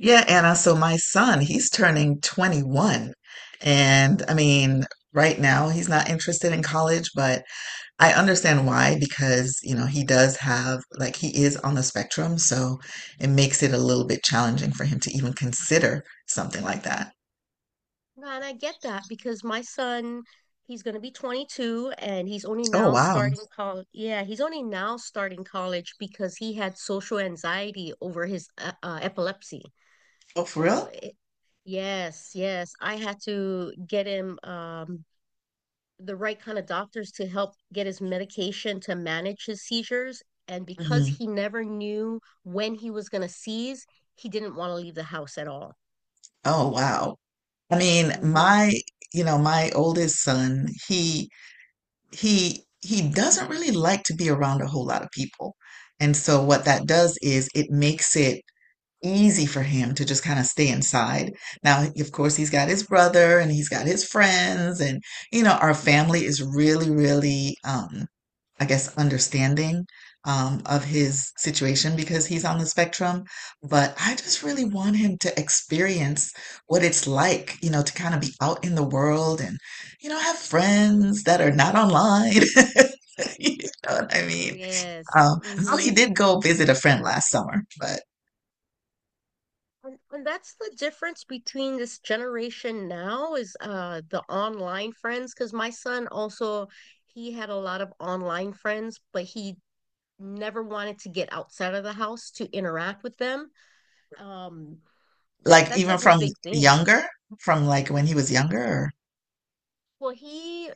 Yeah, Anna. So my son, he's turning 21. And I mean, right now he's not interested in college, but I understand why because, you know, he does have, like, he is on the spectrum. So it makes it a little bit challenging for him to even consider something like that. Nah, and I get that because my son, he's going to be 22 and he's only Oh, now wow. starting college. Yeah, he's only now starting college because he had social anxiety over his epilepsy. Oh, for So, real? Yes, yes, I had to get him the right kind of doctors to help get his medication to manage his seizures. And because Mhm. he never knew when he was going to seize, he didn't want to leave the house at all. Oh, wow. I mean, Hmm. my, you know, my oldest son, he doesn't really like to be around a whole lot of people. And so what that does is it makes it easy for him to just kind of stay inside. Now, of course, he's got his brother and he's got his friends and you know, our family is really, really I guess, understanding of his situation because he's on the spectrum. But I just really want him to experience what it's like, you know, to kind of be out in the world and, you know, have friends that are not online. You know what I mean? Yes. Um, though he Hmm. did go visit a friend last summer, but And that's the difference between this generation now is the online friends because my son also he had a lot of online friends, but he never wanted to get outside of the house to interact with them. Um that like that's a even whole from big thing. younger, from like when he was younger. Well, he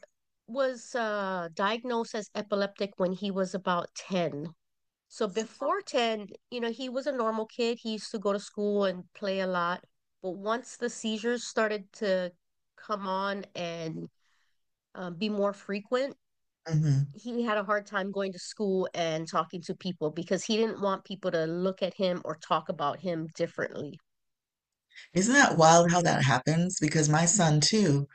was diagnosed as epileptic when he was about 10. So before 10, you know, he was a normal kid. He used to go to school and play a lot. But once the seizures started to come on and be more frequent, Mhm. he had a hard time going to school and talking to people because he didn't want people to look at him or talk about him differently. Isn't that wild how that happens? Because my son too,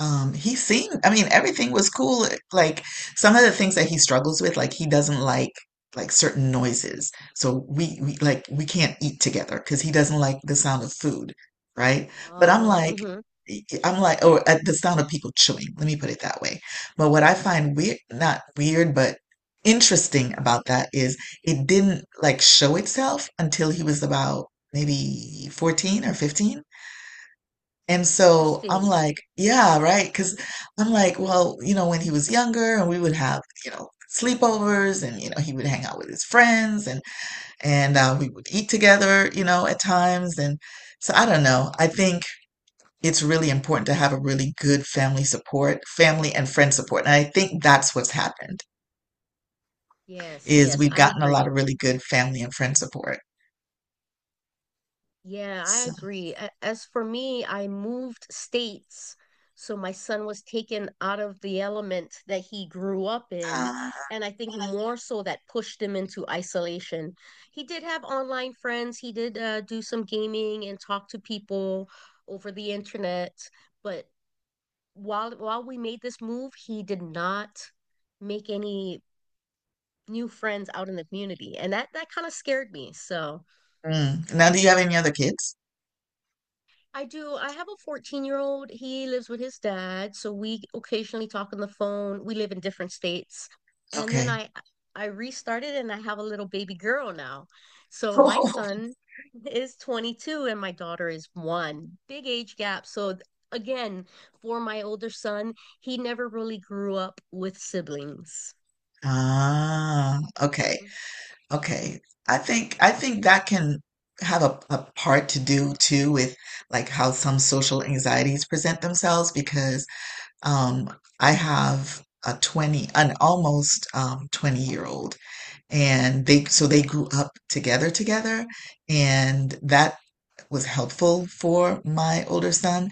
He seemed, I mean, everything was cool. Like some of the things that he struggles with, like he doesn't like certain noises. So we like we can't eat together because he doesn't like the sound of food, right? But Oh, mhm. I'm like, or the sound of people chewing. Let me put it that way. But what I find weird, not weird, but interesting about that is it didn't like show itself until he was about maybe 14 or 15, and so I'm Interesting. like, yeah, right. Because I'm like, well, you know, when he was younger and we would have, you know, sleepovers and, you know, he would hang out with his friends and, and we would eat together, you know, at times. And so I don't know. I think it's really important to have a really good family support, family and friend support. And I think that's what's happened Yes, is yes, we've I gotten a lot agree. of really good family and friend support. Yeah, I So, agree. As for me, I moved states. So my son was taken out of the element that he grew up in. uh, And I think more so that pushed him into isolation. He did have online friends. He did do some gaming and talk to people over the internet. But while we made this move, he did not make any new friends out in the community. And that kind of scared me. So mm. Now, do you have any other kids? I do. I have a 14-year-old. He lives with his dad, so we occasionally talk on the phone. We live in different states. And then Okay. I restarted and I have a little baby girl now. So my son is 22 and my daughter is one. Big age gap. So again, for my older son, he never really grew up with siblings. Ah, okay, okay. I think that can have a part to do too with like how some social anxieties present themselves because um I have a 20 an almost 20-year old, and they so they grew up together, and that was helpful for my older son.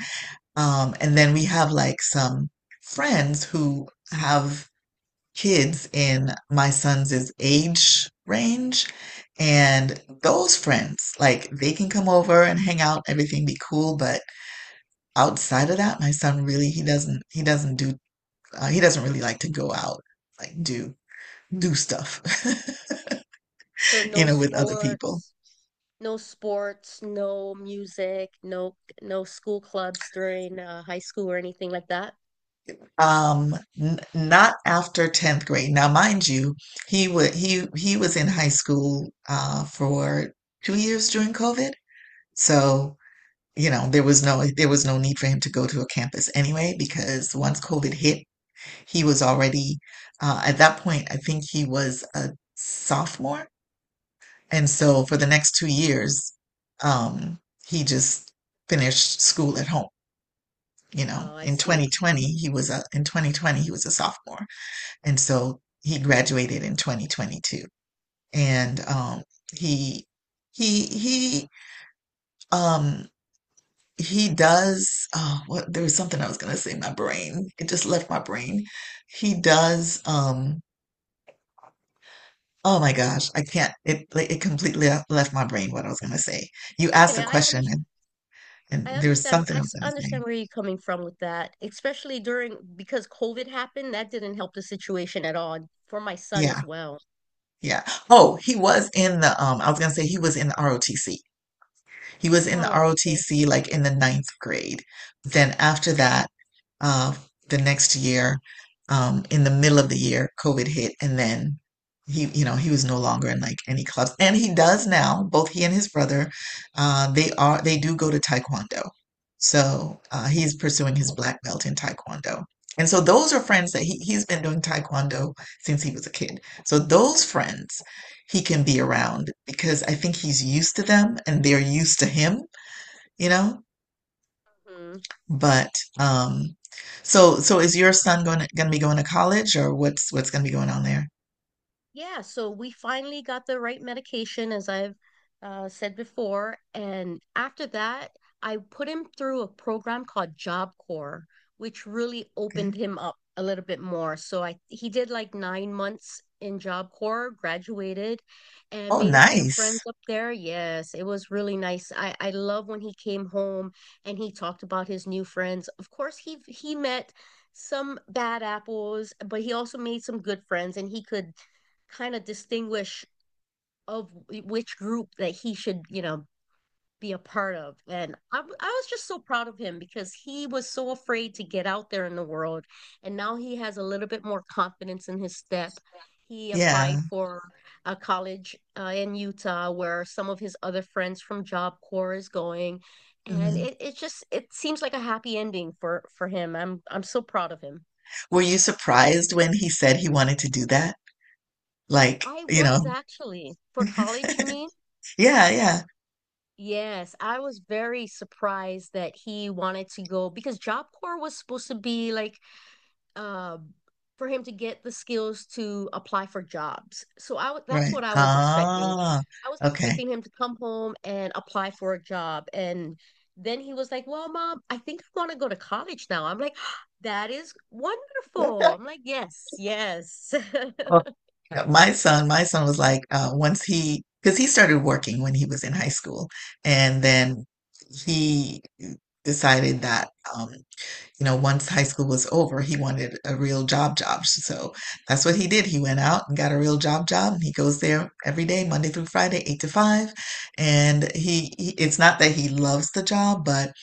And then we have like some friends who have kids in my son's age range. And those friends, like they can come over and hang out, everything be cool. But outside of that, my son really he doesn't do he doesn't really like to go out like do stuff, So you no know, with other people. sports. No sports, no music, no school clubs during high school or anything like that. N not after 10th grade. Now, mind you, he would he was in high school for two years during COVID. So you know, there was no need for him to go to a campus anyway. Because once COVID hit, he was already at that point, I think he was a sophomore. And so for the Mhm. next two years, um, he just finished school at home. You know, Oh, I see. in 2020, Mhm. he was a in 2020 he was a sophomore, and so he graduated in 2022. And he he he um he does oh what there was something I was gonna say my brain. It just left my brain. He does oh my gosh, I can't it like, it completely left my brain what I was gonna say. You It's asked okay. a I question understand. I and there was understand. something I was gonna say. Understand where you're coming from with that, especially during because COVID happened. That didn't help the situation at all, and for my son Yeah, as well. yeah. Oh, he was in the I was gonna say he was in the ROTC. He was in the Oh, okay. ROTC like in the ninth grade. Then after that, uh, the next year, in the middle of the year, COVID hit, and then he was no longer in like any clubs. And he does now. Both he and his brother, they do go to Taekwondo. So he's pursuing his black belt in Taekwondo. And so those are friends that he's been doing Taekwondo since he was a kid. So those friends he can be around because I think he's used to them and they're used to him, you know? Mhm. But um so is your son going to be going to college, or what's going to be going on there? Yeah, so we finally got the right medication, as I've said before. And after that, I put him through a program called Job Corps, which really Okay. opened him up a little bit more. So I he did like 9 months in Job Corps, graduated, and Oh, made a few nice. friends up there. Yes, it was really nice. I love when he came home and he talked about his new friends. Of course, he met some bad apples, but he also made some good friends, and he could kind of distinguish of which group that he should, you know, be a part of. And I was just so proud of him because he was so afraid to get out there in the world. And now he has a little bit more confidence in his step. He Yeah. applied for a college in Utah where some of his other friends from Job Corps is going. And Hmm. It just it seems like a happy ending for him. I'm so proud of him. Were you surprised when he said he wanted to do that? Like, I you was know. actually for college, you mean? Yeah, yeah. Yes, I was very surprised that he wanted to go because Job Corps was supposed to be like um for him to get the skills to apply for jobs. So that's Right. what I was expecting. Ah, I was okay. expecting him to come home and apply for a job and then he was like, "Well, mom, I think I want to go to college now." I'm like, "That is wonderful." I'm like, "Yes, yes." Well, my son was like, once he, because he started working when he was in high school, and then he decided that, um, you know, once high school was over, he wanted a real job job. So that's what he did. He went out and got a real job job, and he goes there every day, Monday through Friday, 8 to 5. And it's not that he loves the job, but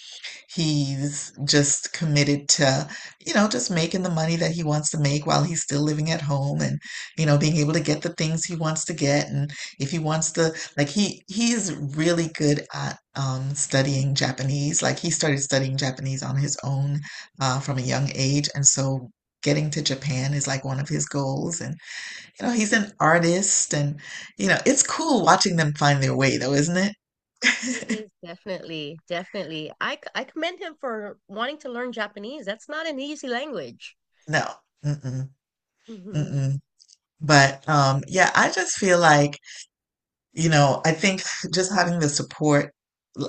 he's just committed to, you know, just making the money that he wants to make while he's still living at home and, you know, being able to get the things he wants to get. And if he wants to, like he's really good at studying Japanese. Like he started studying Japanese on his own from a young age. And so getting to Japan is like one of his goals. And, you know, he's an artist and, you know, it's cool watching them find their way though, isn't It it? is definitely, definitely. I commend him for wanting to learn Japanese. That's not an easy language. No. Mm-mm. Mhm. Mm-mm. But yeah, I just feel like, you know, I think just having the support,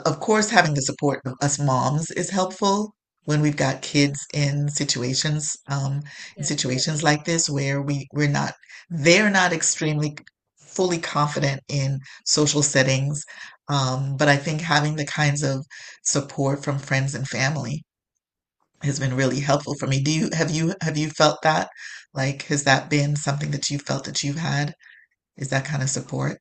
of course, having the support of us moms is helpful when we've got kids in situations Definitely. like this where we we're not, they're not extremely fully confident in social settings. But I think having the kinds of support from friends and family has been really helpful for me. Do you have you have you felt that? Like, has that been something that you felt that you've had? Is that kind of support?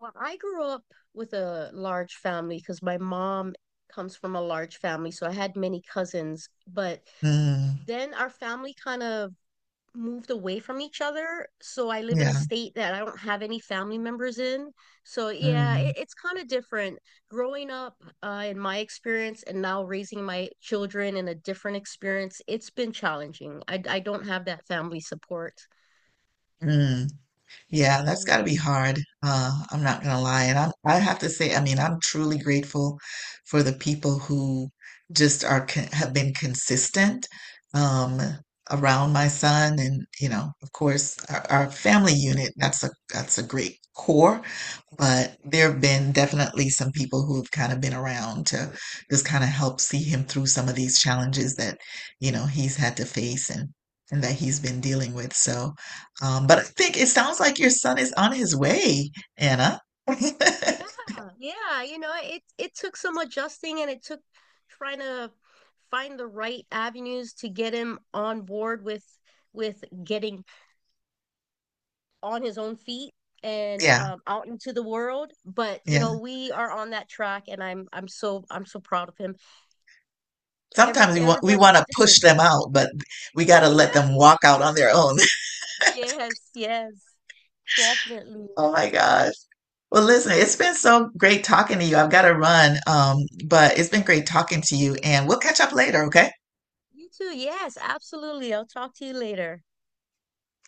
Well, I grew up with a large family because my mom comes from a large family, so I had many cousins. But Mm, then our family kind of moved away from each other. So I live in a yeah. state that I don't have any family members in. So yeah, Mm, it's kind of different. Growing up in my experience and now raising my children in a different experience, it's been challenging. I don't have that family support. mm. Yeah, that's got to Mm. be hard. I'm not gonna lie. And I have to say, I mean, I'm truly grateful for the people who just are con have been consistent um, around my son, and you know, of course, our family unit. That's a great core. But there have been definitely some people who have kind of been around to just kind of help see him through some of these challenges that, you know, he's had to face and that he's been dealing with. So, but I think it sounds like your son is on his way, Anna. Yeah, yeah, you know, it took some adjusting and it took trying to find the right avenues to get him on board with getting on his own feet and Yeah, out into the world, but you yeah. know, we are on that track, and I'm so proud of him. Sometimes we Everybody want is to different. push them out, but we got to let Yeah, them walk out on their own. yes, yes, definitely. Oh my gosh. Well, listen, it's been so great talking to you. I've got to run, but it's been great talking to you, and we'll catch up later, okay? You too. Yes, absolutely. I'll talk to you later.